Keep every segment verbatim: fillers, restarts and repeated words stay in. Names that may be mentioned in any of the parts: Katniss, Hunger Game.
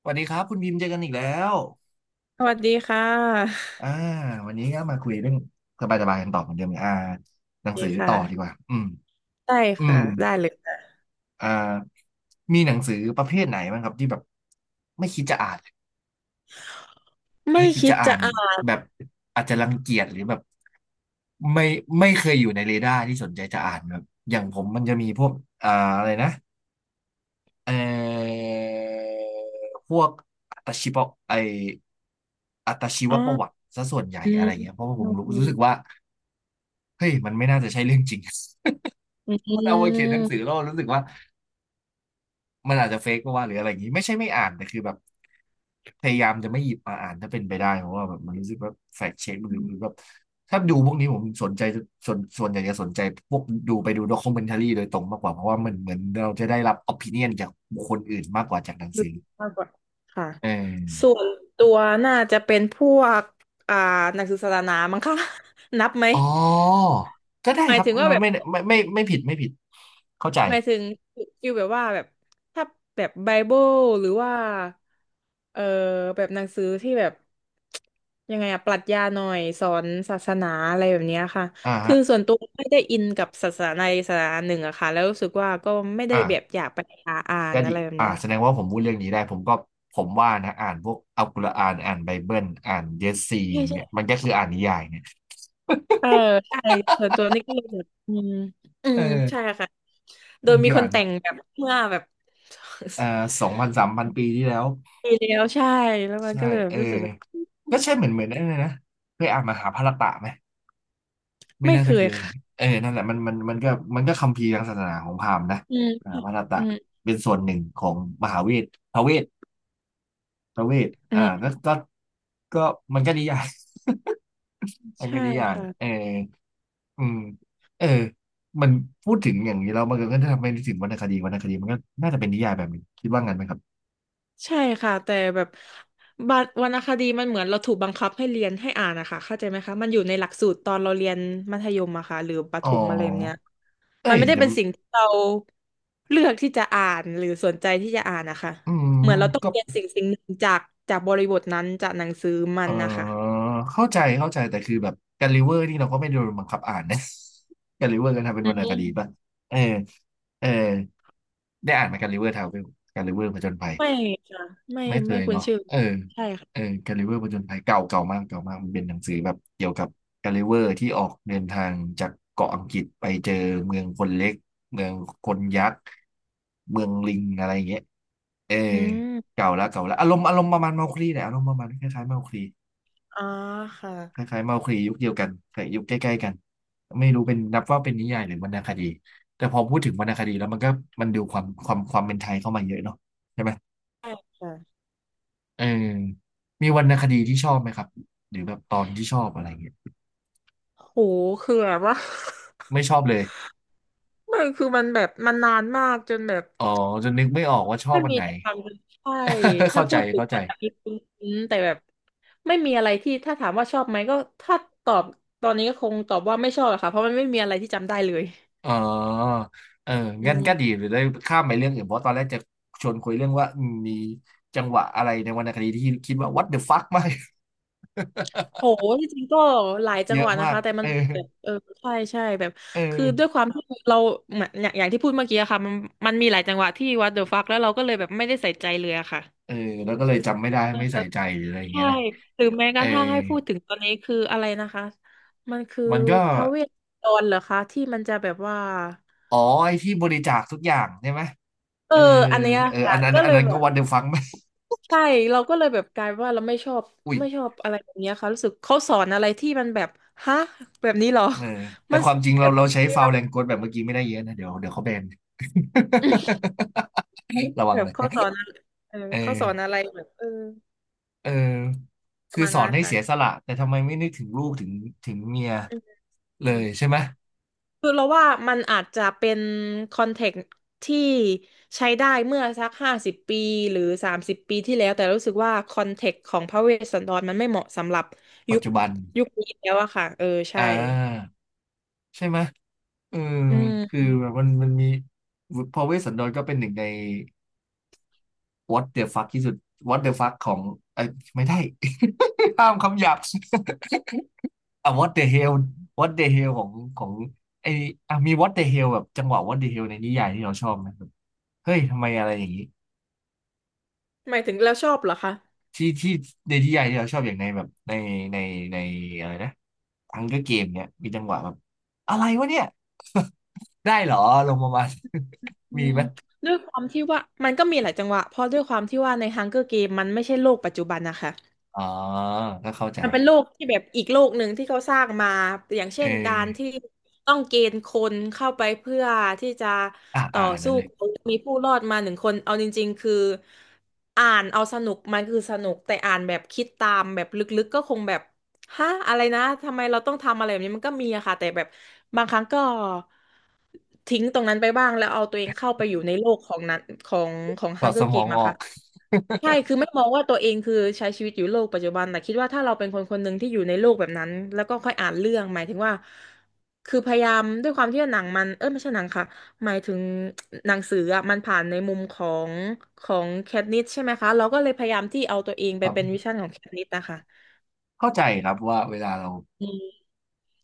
สวัสดีครับคุณพิมพ์เจอกันอีกแล้วสวัสดีค่ะอ่าวันนี้ก็มาคุยเรื่องสบายๆกันต่อเหมือนเดิมอ่าหนังดีสือค่ะ ต่อดีกว่าอืมได้อืค่ะ มได้เลยค่ะอ่ามีหนังสือประเภทไหนบ้างครับที่แบบไม่คิดจะอ่านไม่ไม่คิดคิจะดอ่าจะนเอาแบบอาจจะรังเกียจหรือแบบไม่ไม่เคยอยู่ในเรดาร์ที่สนใจจะอ่านแบบอย่างผมมันจะมีพวกอ่าอะไรนะ เอ่อพวกอัตชีวะไออัตชีวอ๋อประวัติซะส่วนใหญ่อือะมไรเงี้ย เพราะว่าผอืมมรู้รู้สึกอว่าเฮ้ยมันไม่น่าจะใช่เรื่องจริง ื มันเอาไปเขียมนหนังสือแล้วรู้สึกว่ามันอาจจะเฟกก็ว่าหรืออะไรอย่างงี้ไม่ใช่ไม่อ่านแต่คือแบบพยายามจะไม่หยิบมาอ่านถ้าเป็นไปได้เพราะว่าแบบมันรู้สึกว่าแฟกเช็คหอืรือมหรือแบบถ้าดูพวกนี้ผมสนใจส่วนส่วนใหญ่จะสนใจพวกดูไปดูด็อก u m e n t a r y โดยตรงมากกว่าเพราะว่ามันเหมือนเราจะได้รับ opinion จากบุคคลอื่นมากกว่าจากหนังดูสือมากกว่าค่ะเอส่วอ นตัวน่าจะเป็นพวกอ่าหนักศึกษาสนามั้งคะ นับไหม อ๋อก็ได้หมาคยรับถึงว่าแบบ ไม่ไม่ไม่ไม่ไม่ผิดไม่ผิดเข้าใจหมายถึงฟิลแบบว่าแบบถ้าแบบไบเบิลหรือว่าเออแบบหนังสือที่แบบยังไงอะปรัชญาหน่อยสอนศาสนาอะไรแบบเนี้ยค่ะอ่าคืฮะอส่วนตัวไม่ได้อินกับศาสนาใดศาสนาหนึ่งอะค่ะแล้วรู้สึกว่าก็ไม่ได้อ่าแบบอยากไปหาอ่านก็อะดีไรแบบอ่าเนี้ยแสดงว่าผมพูดเรื่องนี้ได้ผมก็ผมว่านะอ่านพวกอัลกุรอานอ่านไบเบิลอ่านเยสซีใช่อย่างใช่เงี้ยมันก็คืออ่านนิยายเนี่ยเออใช่ส่วนตัวนี่ก็เลยแบบอืมอืมใช่เออค่ะโดมัยนมีคือคนอ่านแต่งแบบเมื่อแบบ เอ่อสองพันสามพันปีที่แล้ว ปีแล้วใช่แล้วมันใช่ก็เลยแบเอบอรู้สึกว่าก็ใช่เหมือนเหมือนนั่นเลยนะเคยอ่านมหาภารตะไหมไม่ไม่น่าเคจะเคยยค่ะ เออนั่นแหละมันมันมันก็มันก็คัมภีร์ทางศาสนาของพราหมณ์นะอืมมหาภารตะอืมเป็นส่วนหนึ่งของมหาเวทพระเวท ประเวทอือ่าก็มก็ก็มันก็นิยาย มันใช่ก็นิยายเอค่ะออืมเออมันพูดถึงอย่างนี้เรามันก็จะทำให้นึกถึงวรรณคดีวรรณคดีมันก็น่าจะเป็นนิยายแบบนี้คิดว่างั้นไหมครับใช่ค่ะแต่แบบบัดวรรณคดีมันเหมือนเราถูกบังคับให้เรียนให้อ่านนะคะเข้าใจไหมคะมันอยู่ในหลักสูตรตอนเราเรียนมัธยมอะค่ะหรือประอ๋ถอมอะไรแบบเนี้ยมัเอ้นยไม่ได้จะเป็นสิ่งที่เราเลือกที่จะอ่านหรือสนใจที่จะอ่านนะคะอืมเหมือนเราต้องก็เรียนสิ่งสิ่งหนึ่งจากจากบริบทนั้นจากหนังสือมัเอนนะคะอเข้าใจเข้าใจแต่คือแบบแกลิเวอร์นี่เราก็ไม่ได้โดนบังคับอ่านนะ แกลิเวอร์ก็ทำเป็นอืวรรณคดีป่ะมเออเออได้อ่านไหมแกลิเวอร์ทาวเวลแกลิเวอร์ผจญภัย ไม่ค่ะไม่ไม่เคไม่ยคุ้นเนาะชื่อเออค่ะใช่เออค่ะกาลิเวอร์ผจญภัยเก่าเก่ามากเก่ามากมันเป็นหนังสือแบบเกี่ยวกับกาลิเวอร์ที่ออกเดินทางจากเกาะอังกฤษไปเจอเมืองคนเล็กเมืองคนยักษ์เมืองลิงอะไรอย่างเงี้ยเอออืมเก่าละเก่าละอารมณ์อารมณ์ประมาณเมาคลีแหละอารมณ์ประมาณคล้ายๆเมาคลีอ๋อคค่ะล้ายๆเมาคลียุคเดียวกันแต่ยุคใกล้ๆกันไม่รู้เป็นนับว่าเป็นนิยายหรือวรรณคดีแต่พอพูดถึงวรรณคดีแล้วมันก็มันดูความความความเป็นไทยเข้ามาเยอะเนาะใช่ไหม ใช่ค่ะ เออมีวรรณคดีที่ชอบไหมครับหรือแบบตอนที่ชอบอะไรเงี้ยโหคือแบบว่า ไม่ชอบเลย ไม่คือมันแบบมันนานมากจนแบบอ๋อจะนึกไม่ออกว่าชอบไม่อันมีไหน อะไรทำใช่ ถ้าเข้าพูใจดถึงเข้าใจอาจจะมีคุ้นๆแต่แบบไม่มีอะไรที่ถ้าถามว่าชอบไหมก็ถ้าตอบตอนนี้ก็คงตอบว่าไม่ชอบอะค่ะเพราะมันไม่มีอะไรที่จำได้เลยอ๋อเอออืงั้นก็มดีหรือได้ข้ามไปเรื่องอื่นเพราะตอนแรกจะชวนคุยเรื่องว่าอืมมีจังหวะอะไรในวรรณคดีที่คิดว่า what the fuck มาก โหที่จริงก็หลา ยจัเยงหอะวัดนะมากคะแต่มัเอนอแบบเออใช่ใช่แบบเอคือด้วยอความที่เราเหมือนอย่างอย่างที่พูดเมื่อกี้อะค่ะมันมันมีหลายจังหวัดที่วัดเดอะฟักแล้วเราก็เลยแบบไม่ได้ใส่ใจเลยอะค่ะ เออแล้วก็เลยจำไม่ได้ไม่ใส่ใจหรืออะไรอย่างใช่เงี้ยนะหรือแม้กเออระทั่งให้พูดถึงตอนนี้คืออะไรนะคะมันคือมันก็พระเวทตนดรเหรอคะที่มันจะแบบว่าอ๋อไอ้ที่บริจาคทุกอย่างใช่ไหมเอเออออันเนี้ยเอออัค่ะนนั้นก็อัเลนยนั้นแบก็บวันเดอร์ฟัง ใช่เราก็เลยแบบกลายเป็นว่าเราไม่ชอบอุ้ยไม่ชอบอะไรแบบเนี้ยค่ะรู้สึกเขาสอนอะไรที่มันแบบฮะแบบนี้เหรอ เออ แต่มันคสวามอจนริงแบเราบเราใช้เรียฟาวล์บแรงกดแบบเมื่อกี้ไม่ได้เยอะนะเดี๋ยวเดี๋ยวเขาแบน ระวัแบงบเลยเขาสอนอะไรเออเออเขาสอนอะไรแบบเออเออปคืระอมาณสอนั้นนนะให้เสียสค่ะละแต่ทำไมไม่นึกถึงลูกถึงถึงเมียอเลืยม ใช่ไหมคือเราว่ามันอาจจะเป็นคอนเทกต์ที่ใช้ได้เมื่อสักห้าสิบปีหรือสามสิบปีที่แล้วแต่รู้สึกว่าคอนเทกต์ของพระเวสสันดรมันไม่เหมาะสำหรับปัยุจคจุบันยุคนี้แล้วอะค่ะเอออ่ใช่าใช่ไหมเอออืคือมแบบมันมันมีพอเวสสันดรก็เป็นหนึ่งใน what the fuck ที่สุด what the fuck ของไอยไม่ได้ ห้ามคำหยาบ อ่ะ what the hell what the hell ของของไออ่ะมี what the hell แบบจังหวะ what the hell ในนิยายที่เราชอบไหมแบบเฮ้ยทำไมอะไรอย่างนี้หมายถึงแล้วชอบเหรอคะที่ที่ในนิยายที่เราชอบอย่างในแบบในในในอะไรนะทังเกอร์เกมเนี่ยมีจังหวะแบบอะไรวะเนี่ยได้เหรอลงมามา อืมีมไหมด้วยความที่ว่ามันก็มีหลายจังหวะเพราะด้วยความที่ว่าใน Hunger Game มันไม่ใช่โลกปัจจุบันนะคะ อ๋อก็เข้าใจมันเป็นโลกที่แบบอีกโลกหนึ่งที่เขาสร้างมาอย่างเอเช่นกาอรที่ต้องเกณฑ์คนเข้าไปเพื่อที่จะอ่ะอ่ต่ออนนั้สู้นเลยกับมีผู้รอดมาหนึ่งคนเอาจริงๆคืออ่านเอาสนุกมันคือสนุกแต่อ่านแบบคิดตามแบบลึกๆก็คงแบบฮะอะไรนะทำไมเราต้องทำอะไรแบบนี้มันก็มีอะค่ะแต่แบบบางครั้งก็ทิ้งตรงนั้นไปบ้างแล้วเอาตัวเองเข้าไปอยู่ในโลกของนั้นของของถฮัองดเกอสร์มเกอมงออะอค่ะ ก ใช่คือไม่มองว่าตัวเองคือใช้ชีวิตอยู่โลกปัจจุบัน แต่คิดว่าถ้าเราเป็นคนคนหนึ่งที่อยู่ในโลกแบบนั้นแล้วก็ค่อยอ่านเรื่องหมายถึงว่าคือพยายามด้วยความที่ว่าหนังมันเออไม่ใช่หนังค่ะหมายถึงหนังสืออ่ะมันผ่านในมุมของของแคทนิสใช่ไหมคะเราก็เลยพยายามที่เอาตัวเอง ไปครัเป็นวิบชั่นของแคทนิสนะคะเข้าใจครับว่าเวลาเรา อืม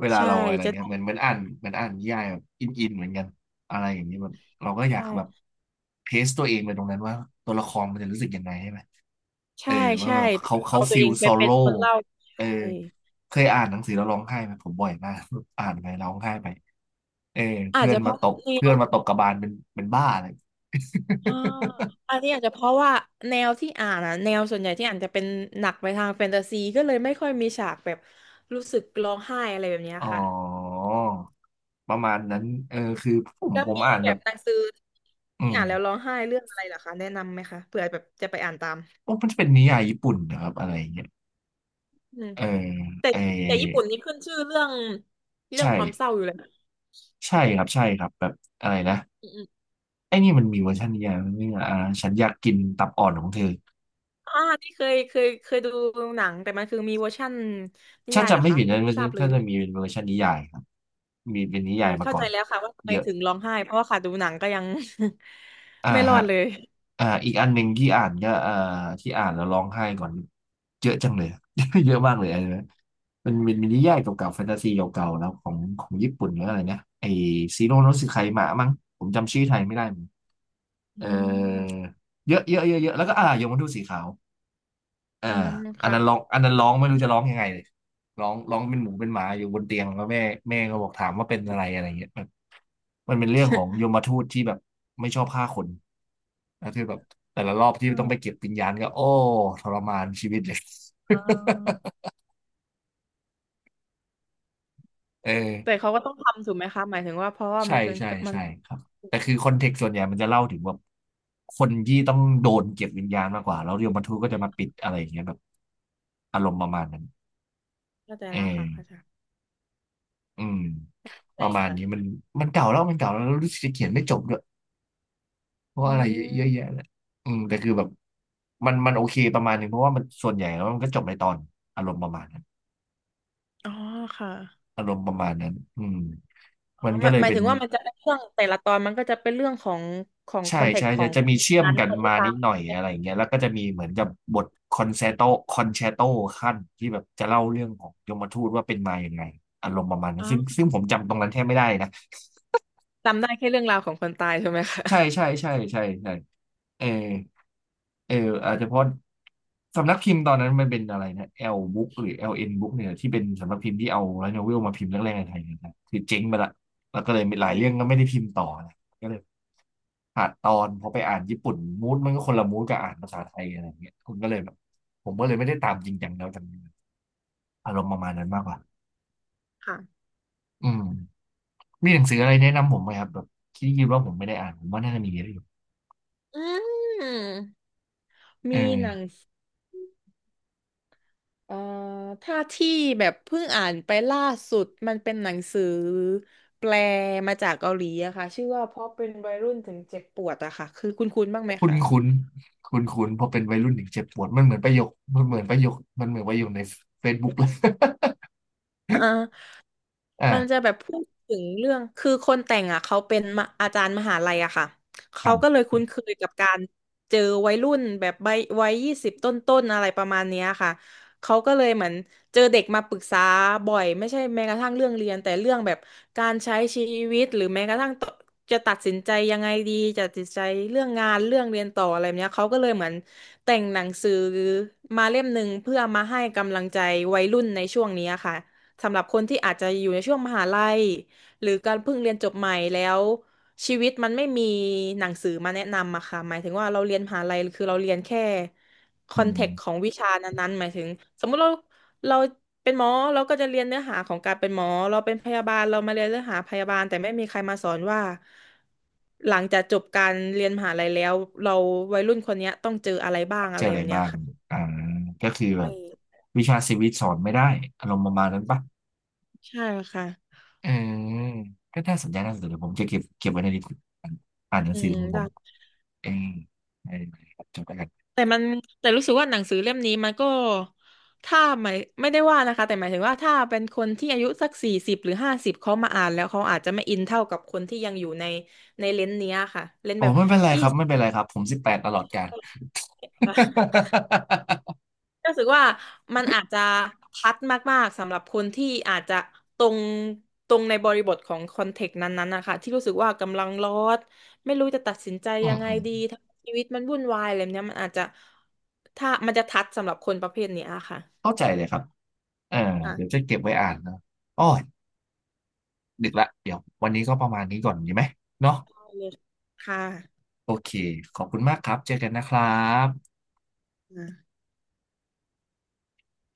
เวลาใช่เราอะไรจะเงี้ต้ยอเหงมือนเหมือนอ่านเหมือนอ่านนิยายแบบอินอินเหมือนกันอะไรอย่างนี้แบบเราก็อยากแบบใช่เทสตัวเองไปตรงนั้นว่าตัวละครมันจะรู้สึกยังไงใช่ไหมเอใช่อว่าใช่แบบเขาเขาเอาตัวฟีเอลงไปโซเป็นโล่คนเล่าเออใช่เคยอ่านหนังสือแล้วร้องไห้ไหมผมบ่อยมาก อ่านไปร้องไห้ไปเอออาจเพื่อนจะเพมาราะตบแนเพื่อว นมาตบกระบาลเป็นเป็นบ้าเลย อ่าอันนี้อาจจะเพราะว่าแนวที่อ่านอะแนวส่วนใหญ่ที่อ่านจะเป็นหนักไปทางแฟนตาซีก็เลยไม่ค่อยมีฉากแบบรู้สึกร้องไห้อะไรแบบเนี้ย อ๋อค่ะประมาณนั้นเออคือผมแล้วผมมีอ่านแบแบบบหนังสืออืที่มอ่านแล้วร้องไห้เรื่องอะไรเหรอคะแนะนำไหมคะเผื่อแบบจะไปอ่านตามมันจะเป็นนิยายญี่ปุ่นนะครับอะไรอย่างเงี้ยอืมเออแต่เออแต่ญี่ปุ่นนี่ขึ้นชื่อเรื่องเรื่องความเศใช่ ร้าอยู่เลยนะใช่ครับใช่ครับแบบอะไรนะอืมอมไอ้นี่มันมีเวอร์ชันนิยายไหมเนี่ยอ่าฉันอยากกินตับอ่อนของเธออ่านี่เคยเคยเคยดูหนังแต่มันคือมีเวอร์ชั่นนิถ้ายายเหรจำอไม่คะผิดไม่นะมันทจะราบเลย ถ้าจะมีเป็นเวอร์ชันนิยายครับมีเป็นโอนิเคยายมาเข้าก่อใจนแล้วค่ะว่าทำไมเยอะถึงร้องไห้เพราะว่าค่ะดูหนังก็ยัง อ่า ไม่รอฮะดเลยอ่าอีกอันหนึ่งที่อ่านก็อ่าที่อ่านแล้วร้องไห้ก่อนเยอะจังเลย เยอะมากเลยอันนะมันเป็นมินิยายเก่าๆแฟนตาซีเก่าๆแล้วของของญี่ปุ่นหรืออะไรนะไอซีโร่โนสึไคมะมั้งผมจำชื่อไทยไม่ได้เหมือนเออือมเยอะเยอะเยอะเยอะแล้วก็อ่ายมทูตสีขาว เอออืมอันค่ะนั้นร้องอันนั้นร้องไม่รู้จะร้องยังไงเลยร้องร้องเป็นหมูเป็นหมาอยู่บนเตียงแล้วแม่แม่ก็บอกถามว่าเป็นอะไรอะไรเงี้ยมันมันเป็นเรื่องของยมทูตที่แบบไม่ชอบฆ่าคนแล้วคือแบบแต่ละรอบที่อืต้องไปมเก็บวิญญาณก็โอ้ทรมานชีวิตเลย เออแต่เขาก็ต้องทำถูกไหมคะหมายถึงว่าเพราะว่าใช่มันเป็นใช่มันใช่ครับแต่คือคอนเทกต์ส่วนใหญ่มันจะเล่าถึงแบบคนที่ต้องโดนเก็บวิญญาณมากกว่าแล้วยมทูตก็จะมาปิดอะไรอย่างเงี้ยแบบอารมณ์ประมาณนั้นเข้าใจเออ แล้วค่ะเข้าใจอืมปใช่ระมาณค่ะนี้มันมันเก่าแล้วมันเก่าแล้วแล้วรู้สึกจะเขียนไม่จบด้วยเพราะอือะไรเยอะมแยะเลยอืมแต่คือแบบมันมันโอเคประมาณหนึงเพราะว่ามันส่วนใหญ่แล้วมันก็จบในตอนอารมณ์ประมาณนั้นอ๋อค่ะอารมณ์ประมาณนั้นอืมอ๋อมันหก็มายเลหยมายเป็ถึนงว่ามันจะเป็นเรื่องแต่ละตอนมันก็จะเป็นเรื่องของของคใช่อนเทกใช่ต์ขอจะงจะคนมีเชื่อมนั้นกัคนนที่มาตานิดยหน่อยอะไรอย่างเงี้ยแล้วก็จะมีเหมือนกับบทคอนแซโตคอนแชโตขั้นที่แบบจะเล่าเรื่องของยมทูตว่าเป็นมาอย่างไงอารมณ์ประมาณนั้อ๋นซึ่งอซึ่งผมจำตรงนั้นแทบไม่ได้นะ จำได้แค่เรื่องราวของคนตายใช่ไหมคะใช่ใช่ใช่ใช่ใช่เออเอออาจจะเพราะสำนักพิมพ์ตอนนั้นมันเป็นอะไรนะ L Book หรือ แอล เอ็น Book เนี่ยที่เป็นสำนักพิมพ์ที่เอาไลท์โนเวลมาพิมพ์แรกๆในไทยนะครับคือเจ๊งไปละแล้วก็เลยมีหอืลายเรื่องมก็ไม่ได้พิมพ์ต่อนะก็เลยขาดตอนพอไปอ่านญี่ปุ่นมูดมันก็คนละมูดกับอ่านภาษาไทยอะไรอย่างเงี้ยคุณก็เลยแบบผมก็เลยไม่ได้ตามจริงจังแล้วจังอารมณ์ประมาณนั้นมากกว่าค่ะอืมมีหนังสืออะไรแนะนำผมไหมครับแบบที่คิดว่าผมไม่ได้อ่านผมว่าน่าจะมีเยอะอยู่อืมเอมีหนัง อ เอ่อถ้าที่แบบเพิ่งอ่านไปล่าสุดมันเป็นหนังสือแปลมาจากเกาหลีอะค่ะชื่อว่าเพราะเป็นวัยรุ่นถึงเจ็บปวดอะค่ะคือคุ้นๆบ้างไหมคุ้นคะคุ้นคุ้นคุ้นเพอเป็นวัยรุ่นถึงเจ็บปวดมันเหมือนประโยคมันเหมือนประโยคมันเหมือนประโยคในเฟซบุ๊กเลยอ่า อ่ามันจะแบบพูดถึงเรื่องคือคนแต่งอ่ะเขาเป็นมะอาจารย์มหาลัยอะค่ะอ่เขาก็าเลยคุ้นเคยกับการเจอวัยรุ่นแบบใบวัยยี่สิบต้นต้นๆอะไรประมาณเนี้ยค่ะเขาก็เลยเหมือนเจอเด็กมาปรึกษาบ่อยไม่ใช่แม้กระทั่งเรื่องเรียนแต่เรื่องแบบการใช้ชีวิตหรือแม้กระทั่งตจะตัดสินใจยังไงดีจะตัดสินใจเรื่องงานเรื่องเรียนต่ออะไรแบบเนี้ยเขาก็เลยเหมือนแต่งหนังสือมาเล่มหนึ่งเพื่อมาให้กำลังใจวัยรุ่นในช่วงนี้ค่ะ สำหรับคนที่อาจจะอยู่ในช่วงมหาลัยหรือการเพิ่งเรียนจบใหม่แล้วชีวิตมันไม่มีหนังสือมาแนะนำอะค่ะหมายถึงว่าเราเรียนมหาลัยคือเราเรียนแค่คอือนเทกต์ขอมงวิชานั้นๆหมายถึงสมมุติเราเราเป็นหมอเราก็จะเรียนเนื้อหาของการเป็นหมอเราเป็นพยาบาลเรามาเรียนเนื้อหาพยาบาลแต่ไม่มีใครมาสอนว่าหลังจากจบการเรียนมหาลัยแล้วเราวัยรุ่นคนเนี้ยต้องเจออะไรบ้างเจอะอไรอะแบไรบเนี้บ้ายงค่ะอ่าก็คือแบใช่บวิชาชีวิตสอนไม่ได้อารมณ์ประมาณนั้นปะใช่ค่ะเออก็น่าสนใจน่าสนใจเดี๋ยวผมจะเก็บเก็บไว้ในลิสต์อ่านอ่านหนังอืสือมของผได้ มเองได้เออจบแล้วกันแต่มันแต่รู้สึกว่าหนังสือเล่มนี้มันก็ถ้าหมายไม่ได้ว่านะคะแต่หมายถึงว่าถ้าเป็นคนที่อายุสักสี่สิบหรือห้าสิบเขามาอ่านแล้วเขาอาจจะไม่อินเท่ากับคนที่ยังอยู่ในในเลนส์เนี้ยค่ะเลนส์อ๋อแบบ ไม่เป็นไรครับไม่เป็นไรครับผมสิบแปดตลอดกาล รู้สึกว่ามันอาจจะทัดมากๆสำหรับคนที่อาจจะตรงตรงในบริบทของคอนเทกต์นั้นๆนะคะที่รู้สึกว่ากำลังร้อนไม่รู้จะตัดสินใจอืยัมงไงอืมดีทั้งชีวิตมันวุ่นวายอะไรแบบเนี้ยมันอาจจะถ้ามันจะทัดสำหรับคนประเภทเนี้ยค่เข้าใจเลยครับเออะ เดี๋ยวจะเก็บไว้อ่านนะอ๋อ ดึกละเดี๋ยววันนี้ก็ประมาณนี้ก่อนดีไหมเนาะค่ะโอเค ขอบคุณมากครับ เจอกันนะครับอ่า